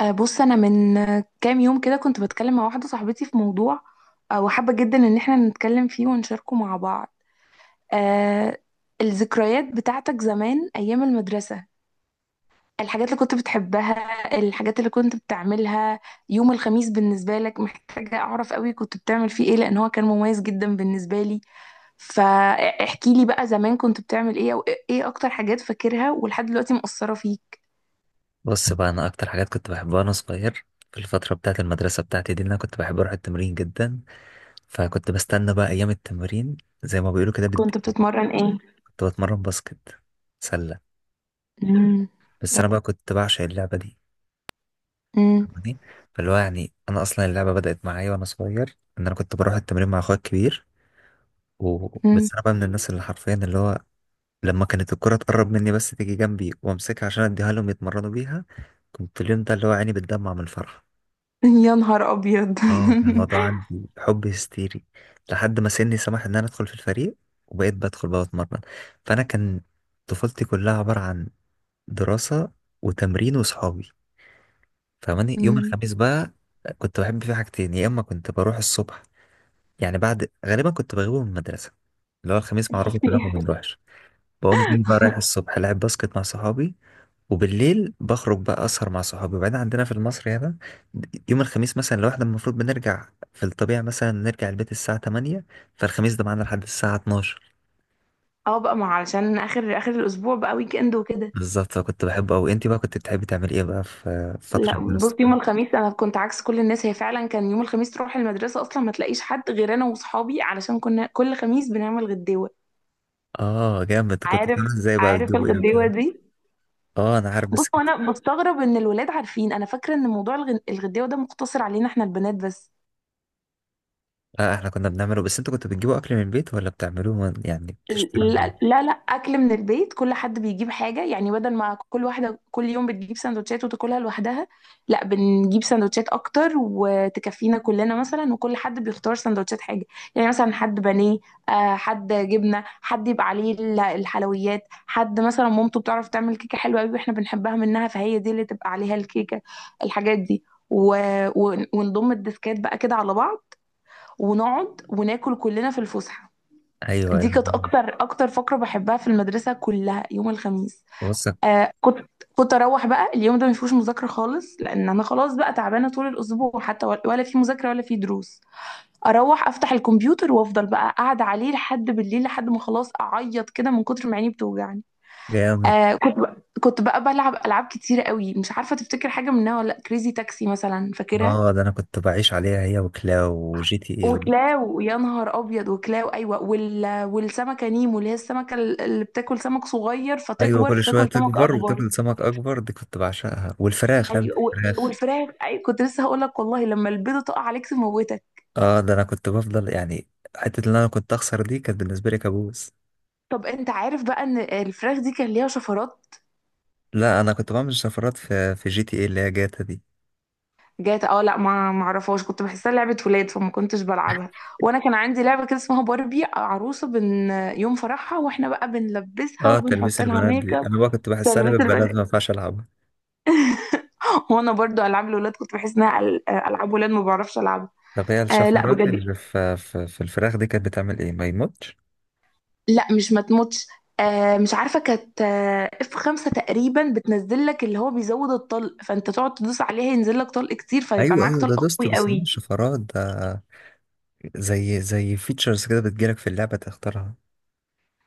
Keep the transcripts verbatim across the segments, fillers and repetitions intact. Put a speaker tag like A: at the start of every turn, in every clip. A: آه، بص انا من آه، كام يوم كده كنت بتكلم مع واحده صاحبتي في موضوع. آه، وحابه جدا ان احنا نتكلم فيه ونشاركه مع بعض. آه، الذكريات بتاعتك زمان ايام المدرسه، الحاجات اللي كنت بتحبها، الحاجات اللي كنت بتعملها. يوم الخميس بالنسبه لك محتاجه اعرف قوي كنت بتعمل فيه ايه، لان هو كان مميز جدا بالنسبه لي. فاحكي لي بقى زمان كنت بتعمل ايه، او ايه اكتر حاجات فاكرها ولحد دلوقتي مؤثره فيك.
B: بص بقى، انا اكتر حاجات كنت بحبها وانا صغير في الفتره بتاعه المدرسه بتاعتي دي ان انا كنت بحب اروح التمرين جدا. فكنت بستنى بقى ايام التمرين زي ما بيقولوا كده
A: كنت
B: بالدقيقه.
A: بتتمرن ايه؟
B: كنت بتمرن باسكت، سله.
A: مم.
B: بس انا بقى كنت بعشق اللعبه دي، فاهماني؟ فاللي هو يعني انا اصلا اللعبه بدات معايا وانا صغير، ان انا كنت بروح التمرين مع اخويا الكبير. و...
A: مم.
B: بس انا بقى من الناس اللي حرفيا اللي هو لما كانت الكره تقرب مني بس تيجي جنبي وامسكها عشان اديها لهم يتمرنوا بيها، كنت اليوم ده اللي هو عيني بتدمع من الفرحه.
A: يا نهار ابيض.
B: اه، كان الموضوع عندي حب هستيري لحد ما سني سمح ان انا ادخل في الفريق وبقيت بدخل بقى اتمرن. فانا كان طفولتي كلها عبارة عن دراسة وتمرين وصحابي. فماني يوم
A: مم.
B: الخميس بقى، كنت بحب فيه حاجتين: يا اما كنت بروح الصبح، يعني بعد غالبا كنت بغيبه من المدرسة، اللي هو الخميس معروفة كلنا ما
A: فيها.
B: بنروحش، بقوم جاي بقى رايح الصبح العب باسكت مع صحابي، وبالليل بخرج بقى اسهر مع صحابي. وبعدين عندنا في المصري هنا يوم الخميس مثلا لو احنا المفروض بنرجع في الطبيعة مثلا نرجع البيت الساعة تمانية، فالخميس ده معانا لحد الساعة اطناشر.
A: اه بقى، ما علشان اخر اخر الاسبوع بقى، ويك اند وكده.
B: بالظبط، فكنت بحبه أوي. انت بقى كنت بتحبي تعملي ايه بقى في في فترة
A: لا بص،
B: الدراسة؟
A: يوم الخميس انا كنت عكس كل الناس. هي فعلا كان يوم الخميس تروح المدرسه اصلا ما تلاقيش حد غير انا واصحابي، علشان كنا كل خميس بنعمل غداوه.
B: اه جامد، كنت
A: عارف؟
B: بتعملي ازاي بقى؟
A: عارف
B: بتجيبوا ايه
A: الغديوه
B: وكده؟
A: دي؟
B: اه انا عارف
A: بص،
B: بس
A: هو
B: كنت،
A: انا بستغرب ان الولاد عارفين. انا فاكره ان موضوع الغ- الغداوه ده مقتصر علينا احنا البنات بس.
B: اه احنا كنا بنعمله، بس انتوا كنتوا بتجيبوا اكل من البيت ولا بتعملوه من- يعني بتشتروا
A: لا
B: من-
A: لا لا، اكل من البيت، كل حد بيجيب حاجه، يعني بدل ما كل واحده كل يوم بتجيب سندوتشات وتاكلها لوحدها. لا، بنجيب سندوتشات اكتر وتكفينا كلنا مثلا، وكل حد بيختار سندوتشات حاجه. يعني مثلا حد بانيه، آه، حد جبنه، حد يبقى عليه ال- الحلويات، حد مثلا مامته بتعرف تعمل كيكه حلوه قوي واحنا بنحبها منها، فهي دي اللي تبقى عليها الكيكه. الحاجات دي. و... و... ونضم الديسكات بقى كده على بعض ونقعد وناكل كلنا في الفسحه.
B: ايوه
A: دي
B: ايوه،
A: كانت اكتر اكتر فقره بحبها في المدرسه كلها، يوم الخميس.
B: بص.
A: آه كنت كنت اروح بقى اليوم ده ما فيهوش مذاكره خالص، لان انا خلاص بقى تعبانه طول الاسبوع، حتى ولا ولا في مذاكره ولا في دروس. اروح افتح الكمبيوتر وافضل بقى قاعده عليه لحد بالليل، لحد ما خلاص اعيط كده من كتر ما عيني بتوجعني.
B: جامد،
A: آه كنت بقى كنت بقى بلعب العاب كتيره قوي، مش عارفه تفتكر حاجه منها ولا، كريزي تاكسي مثلا فاكرها.
B: اه ده انا كنت بعيش عليها هي وكلاو وجي تي اي.
A: وكلاو، يا نهار ابيض، وكلاو، ايوه، وال... والسمكه نيمو، اللي هي السمكه ال- اللي بتاكل سمك صغير
B: ايوه
A: فتكبر
B: كل شويه
A: فتاكل سمك
B: تكبر
A: اكبر.
B: وتاكل سمك اكبر، دي كنت بعشقها. والفراخ لعبه،
A: ايوه. و...
B: الفراخ.
A: والفراخ، ايوه، كنت لسه هقول لك، والله لما البيضه تقع عليك تموتك.
B: اه ده انا كنت بفضل يعني، حته اللي انا كنت اخسر دي كانت بالنسبه لي كابوس.
A: طب انت عارف بقى ان الفراخ دي كان ليها شفرات؟
B: لا انا كنت بعمل شفرات في في جي تي اي اللي هي جاتا دي.
A: جات، اه، لا ما ما اعرفهاش، كنت بحسها لعبه ولاد فما كنتش بلعبها. وانا كان عندي لعبه كده اسمها باربي عروسه بن، يوم فرحها، واحنا بقى بنلبسها
B: اه تلبيس
A: وبنحط لها
B: البنات
A: ميك
B: دي
A: اب.
B: انا بقى كنت بحسها
A: تلبس
B: لعبه بنات
A: البنات.
B: ما ينفعش العبها.
A: هو انا برضو العاب الولاد كنت بحس انها أل- العاب ولاد، ما بعرفش العبها.
B: طب هي
A: آه لا
B: الشفرات
A: بجد.
B: اللي في في, في الفراخ دي كانت بتعمل ايه؟ ما يموتش؟
A: لا، مش ما تموتش. آه مش عارفه، كانت آه اف خمسة تقريبا بتنزل لك، اللي هو بيزود الطلق، فانت تقعد تدوس عليها ينزل لك طلق كتير فيبقى
B: ايوه
A: معاك
B: ايوه ده
A: طلق
B: دوست،
A: قوي
B: بس ده
A: قوي.
B: مش شفرات ده. زي زي فيتشرز كده بتجيلك في اللعبه تختارها.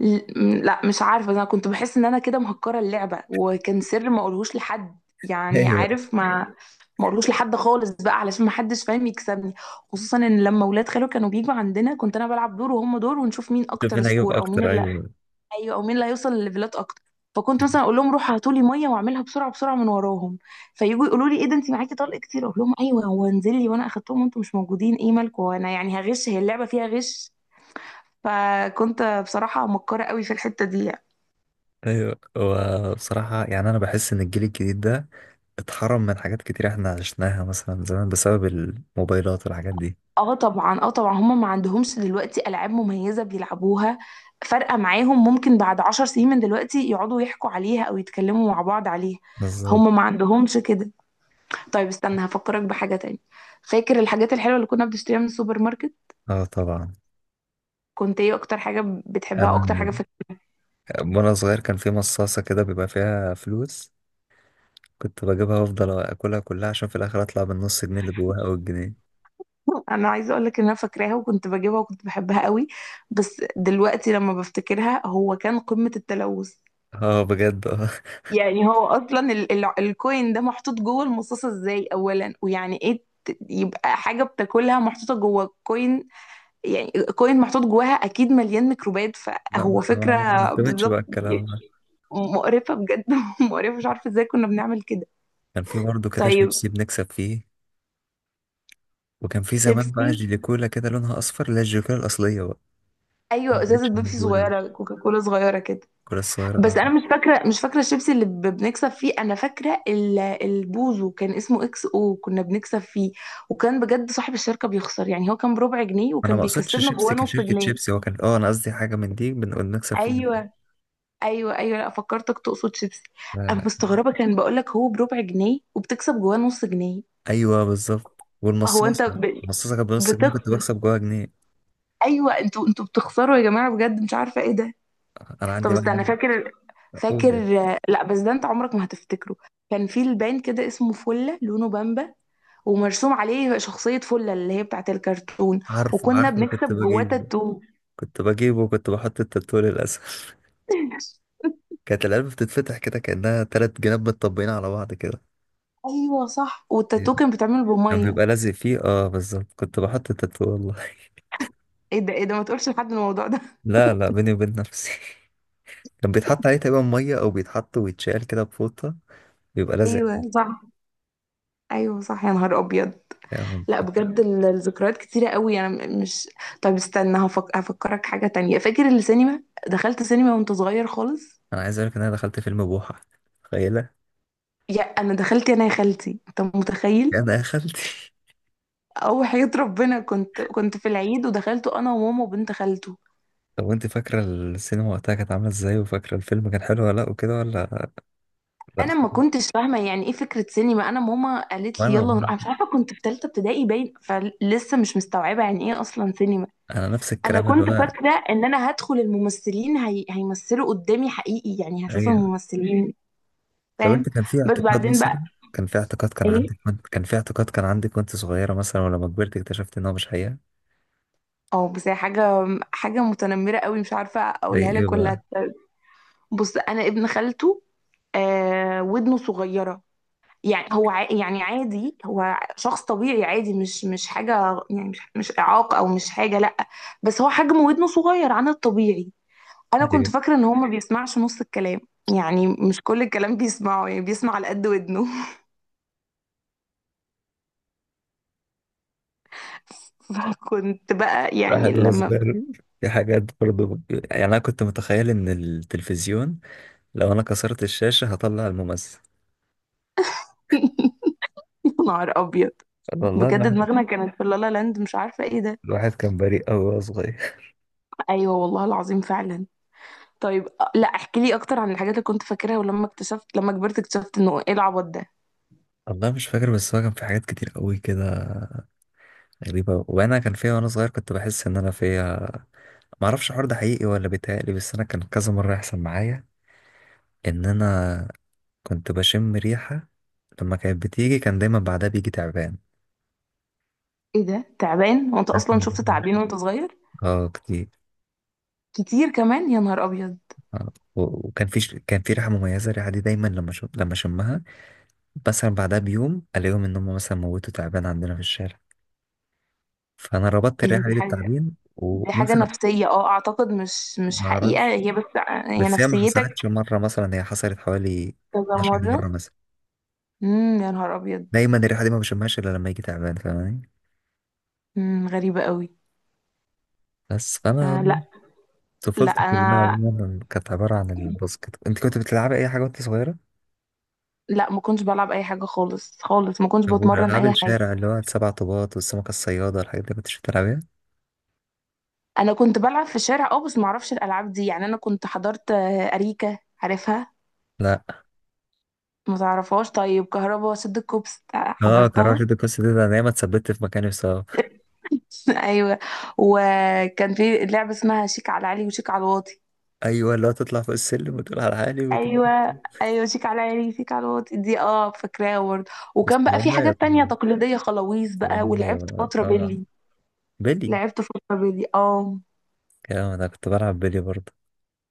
A: ل- م- لا مش عارفه، انا كنت بحس ان انا كده مهكره اللعبه، وكان سر ما اقولهوش لحد، يعني،
B: ايوه،
A: عارف، ما ما اقولهوش لحد خالص بقى علشان ما حدش فاهم يكسبني. خصوصا ان لما ولاد خالو كانوا بيجوا عندنا، كنت انا بلعب دور وهم دور، ونشوف مين
B: شوف
A: اكتر
B: مين هيجيب
A: سكور او مين.
B: اكتر، ايوه.
A: ايوه، او مين اللي هيوصل لليفلات اكتر. فكنت مثلا اقول لهم روحوا هاتوا لي ميه، واعملها بسرعه بسرعه من وراهم. فيجوا يقولوا لي ايه ده انت معاكي طلق كتير، اقول لهم ايوه هو انزل لي وانا اخدتهم وانتم مش موجودين. ايه مالكم؟ وانا يعني هغش، هي اللعبه فيها غش. فكنت بصراحه مكاره قوي في الحته دي يعني.
B: ايوه وبصراحة يعني انا بحس ان الجيل الجديد ده اتحرم من حاجات كتير احنا عشناها مثلا زمان بسبب الموبايلات والحاجات دي.
A: اه طبعا، اه طبعا، هم ما عندهمش دلوقتي العاب مميزه بيلعبوها فارقه معاهم، ممكن بعد عشر سنين من دلوقتي يقعدوا يحكوا عليها او يتكلموا مع بعض عليها.
B: بالظبط.
A: هم ما عندهمش كده. طيب استنى هفكرك بحاجة تاني. فاكر الحاجات الحلوة اللي كنا بنشتريها من السوبر ماركت؟
B: اه طبعا.
A: كنت ايه اكتر حاجة بتحبها، اكتر حاجة
B: انا
A: فاكرها؟
B: وانا صغير كان في مصاصة كده بيبقى فيها فلوس، كنت بجيبها وافضل اكلها كلها عشان في الاخر اطلع بالنص جنيه اللي جواها او الجنيه.
A: انا عايزة اقولك ان انا فاكراها وكنت بجيبها وكنت بحبها قوي، بس دلوقتي لما بفتكرها هو كان قمة التلوث.
B: اه بجد، اه.
A: يعني هو اصلا ال ال الكوين ده محطوط جوه المصاصة ازاي اولا، ويعني ايه ت- يبقى حاجة بتاكلها محطوطة جوه كوين. يعني كوين محطوط جواها اكيد مليان ميكروبات،
B: لا ما
A: فهو
B: احنا ما
A: فكرة.
B: ما بنعتمدش بقى
A: بالظبط.
B: الكلام ده.
A: مقرفة بجد. مقرفة، مش عارفة ازاي كنا بنعمل كده.
B: كان في برضه كده
A: طيب.
B: شيبسي بنكسب فيه. وكان في زمان بقى
A: بيبسي.
B: جيلي كولا كده لونها اصفر اللي هي الجيلي كولا الاصلية بقى، ما
A: ايوه، ازازة
B: بقتش
A: بيبسي
B: موجودة،
A: صغيرة، كوكا كولا صغيرة كده.
B: الكولا الصغيرة،
A: بس
B: آه.
A: انا مش فاكرة، مش فاكرة الشيبسي اللي ب- بنكسب فيه، انا فاكرة ال- البوزو، كان اسمه اكس او، كنا بنكسب فيه. وكان بجد صاحب الشركة بيخسر، يعني هو كان بربع جنيه
B: انا ما
A: وكان
B: اقصدش
A: بيكسبنا
B: شيبسي
A: جواه نص
B: كشركه
A: جنيه.
B: شيبسي، هو كان، اه انا قصدي حاجه من دي بنقول نكسب فيها.
A: ايوه. ايوه ايوه، لا فكرتك تقصد شيبسي.
B: لا،
A: انا
B: لا.
A: مستغربة، كان بقولك هو بربع جنيه وبتكسب جواه نص جنيه.
B: ايوه بالظبط،
A: هو انت
B: والمصاصه،
A: ب...
B: المصاصه كانت بنص جنيه كنت
A: بتخسر.
B: بكسب جواها جنيه.
A: ايوه، انتوا انتوا بتخسروا يا جماعه، بجد مش عارفه ايه ده.
B: انا
A: طب
B: عندي بقى
A: استنى،
B: حاجه.
A: فاكر
B: اقول
A: فاكر.
B: إيه؟
A: لا بس ده انت عمرك ما هتفتكره. كان في البان كده اسمه فله، لونه بامبا، ومرسوم عليه شخصيه فله اللي هي بتاعت الكرتون.
B: عارفه
A: وكنا
B: عارفه كنت
A: بنكتب جواه
B: بجيبه،
A: تاتو.
B: كنت بجيبه كنت بحط التاتو للاسف. كانت العلبه بتتفتح كده كانها تلات جناب متطبقين على بعض كده.
A: ايوه صح، والتاتو كان بيتعمل
B: كان
A: بميه.
B: بيبقى لازق فيه، اه بالظبط، كنت بحط التاتو والله.
A: ايه ده، ايه ده، ما تقولش لحد الموضوع ده.
B: لا لا، بيني وبين نفسي. كان بيتحط عليه تقريبا ميه، او بيتحط ويتشال كده بفوطه، بيبقى لازق.
A: ايوه صح. ايوه صح يا نهار ابيض.
B: يعني
A: لا بجد، ال- الذكريات كتيرة قوي، انا م- مش. طب استنى هفك... هفكرك حاجة تانية. فاكر السينما؟ دخلت سينما وانت صغير خالص؟
B: انا عايز اقولك ان انا دخلت فيلم بوحة، تخيله.
A: يا انا دخلت، انا يا خالتي انت متخيل.
B: انا دخلت.
A: او وحياة ربنا، كنت كنت في العيد ودخلت انا وماما وبنت خالته.
B: طب انت فاكره السينما وقتها كانت عامله ازاي؟ وفاكره الفيلم كان حلو ولا لا وكده ولا؟ لا.
A: انا ما كنتش فاهمة يعني ايه فكرة سينما، انا ماما قالت لي
B: وانا
A: يلا
B: والله
A: نروح، أنا مش عارفة، كنت في ثالثة ابتدائي باين، فلسه مش مستوعبة يعني ايه اصلا سينما.
B: انا نفس
A: انا
B: الكلام اللي
A: كنت
B: هو
A: فاكرة ان انا هدخل الممثلين هي... هيمثلوا قدامي حقيقي، يعني هشوف
B: ايوه.
A: الممثلين.
B: طب
A: فاهم؟
B: انت كان في
A: بس
B: اعتقاد
A: بعدين
B: مثلا،
A: بقى.
B: كان في اعتقاد كان عندك
A: ايه.
B: وانت- كان في اعتقاد كان عندك وانت صغيره مثلا، ولما كبرت اكتشفت ان هو مش حقيقه؟
A: اه بس هي حاجه حاجه متنمره قوي، مش عارفه
B: زي
A: اقولها
B: ايه
A: لك ولا
B: بقى؟
A: هت- بص، انا ابن خالته، آه، ودنه صغيره، يعني هو ع... يعني عادي، هو شخص طبيعي عادي، مش مش حاجه يعني، مش مش اعاقه او مش حاجه، لا، بس هو حجم ودنه صغير عن الطبيعي. انا كنت
B: ايوه،
A: فاكره ان هو ما بيسمعش نص الكلام، يعني مش كل الكلام بيسمعه، يعني بيسمع على قد ودنه. فكنت بقى يعني
B: واحد هو
A: لما.
B: صغير، في حاجات برضه. يعني انا كنت متخيل ان التلفزيون لو انا كسرت الشاشه هطلع الممثل،
A: نهار ابيض،
B: والله.
A: بجد
B: الواحد،
A: دماغنا كانت في لالا لاند، مش عارفة ايه ده.
B: الواحد كان بريء قوي وهو صغير.
A: ايوه والله العظيم فعلا. طيب، أ- لا احكي لي اكتر عن الحاجات اللي كنت فاكرها، ولما اكتشفت، لما كبرت اكتشفت انه ايه العبط ده.
B: والله مش فاكر، بس هو كان في حاجات كتير قوي كده غريبة وانا كان فيها وانا صغير، كنت بحس ان انا فيها معرفش الحوار ده حقيقي ولا بيتهيألي. بس انا كان كذا مرة يحصل معايا ان انا كنت بشم ريحة، لما كانت بتيجي كان دايما بعدها بيجي تعبان.
A: ايه ده، تعبان؟ وانت
B: عارف
A: اصلا
B: الموضوع
A: شفت
B: ده؟
A: تعابين وانت صغير؟
B: اه كتير.
A: كتير كمان، يا نهار ابيض.
B: آه. و- وكان في ش- كان في ريحة مميزة، الريحة دي دايما لما شم... لما شمها مثلا بعدها بيوم الاقيهم ان هم مثلا موتوا، تعبان عندنا في الشارع. فانا ربطت
A: ايه ده،
B: الريحة
A: دي
B: دي
A: حاجة،
B: بالتعبين،
A: دي حاجة
B: ومثلا
A: نفسية، اه اعتقد، مش مش حقيقة
B: معرفش.
A: هي، بس ع- هي
B: بس هي ما
A: نفسيتك.
B: حصلتش مرة، مثلا هي حصلت حوالي
A: كذا
B: اثنا عشر
A: مرة.
B: مرة مثلا.
A: امم يا نهار ابيض.
B: دايما الريحة دي ما بشمهاش إلا لما يجي تعبان، فاهماني.
A: امم غريبة قوي.
B: بس
A: آه،
B: فأنا
A: لا. لا
B: طفولتي كلها
A: انا
B: عموما كانت عبارة عن الباسكت. أنت كنت بتلعبي أي حاجة وأنت صغيرة؟
A: لا ما كنتش بلعب اي حاجة خالص خالص، ما كنتش
B: طب
A: بتمرن
B: والألعاب
A: اي حاجة.
B: الشارع اللي هو السبع طوبات والسمكة الصيادة الحاجات دي كنتش بتلعبيها؟
A: انا كنت بلعب في الشارع اه، بس معرفش الالعاب دي. يعني انا كنت حضرت، آه، اريكة، عارفها؟
B: لا.
A: ما تعرفهاش؟ طيب كهربا وسد الكوبس، تع-
B: اه كراش
A: حضرتها؟
B: دي القصة دي، ده أنا دايما اتثبت في مكاني بسبب.
A: ايوه. وكان في لعبه اسمها شيك على علي وشيك على الواطي.
B: أيوه اللي هو تطلع فوق السلم وتقول على حالي وتقول.
A: ايوه. ايوه شيك على علي شيك على الواطي دي، اه فاكراها برضه.
B: بس
A: وكان بقى في
B: طبعا،
A: حاجات تانية
B: طبعا،
A: تقليديه، خلاويص بقى،
B: طبعا
A: ولعبت
B: بقى.
A: فتره
B: اه،
A: بيلي.
B: بيلي.
A: لعبت فتره بيلي اه.
B: كلام، أنا كنت بلعب بيلي برضه.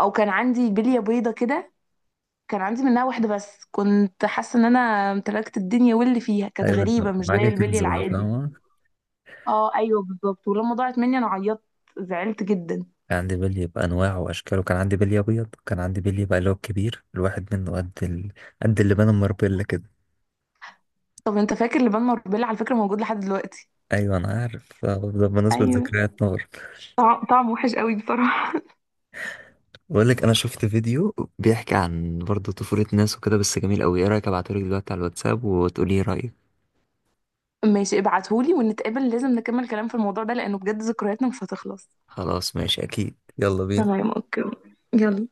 A: او كان عندي بليه بيضه كده، كان عندي منها واحدة بس، كنت حاسة ان انا امتلكت الدنيا، واللي فيها كانت
B: ايوه، انت
A: غريبة مش زي
B: معاك
A: البلي
B: كنز بقى
A: العادي.
B: فاهم.
A: اه ايوه بالظبط. ولما ضاعت مني انا عيطت، زعلت جدا.
B: كان عندي بلي بأنواعه وأشكاله، كان عندي بلي أبيض، وكان عندي بلي بقى اللي هو الكبير، الواحد منه قد ال... قد اللي بان مربلة كده.
A: طب انت فاكر لبان مربلة؟ على فكرة موجود لحد دلوقتي.
B: أيوة أنا عارف، آه، ده بمناسبة
A: ايوه.
B: ذكريات نار.
A: طعم طعم وحش قوي بصراحة.
B: بقول لك أنا شفت فيديو بيحكي عن برضه طفولة ناس وكده، بس جميل أوي. إيه رأيك أبعتهولك دلوقتي على الواتساب وتقولي إيه رأيك؟
A: ماشي ابعتهولي، ونتقابل لازم نكمل كلام في الموضوع ده، لانه بجد ذكرياتنا مش هتخلص.
B: خلاص ماشي، أكيد، يلا بينا.
A: تمام، اوكي. يلا.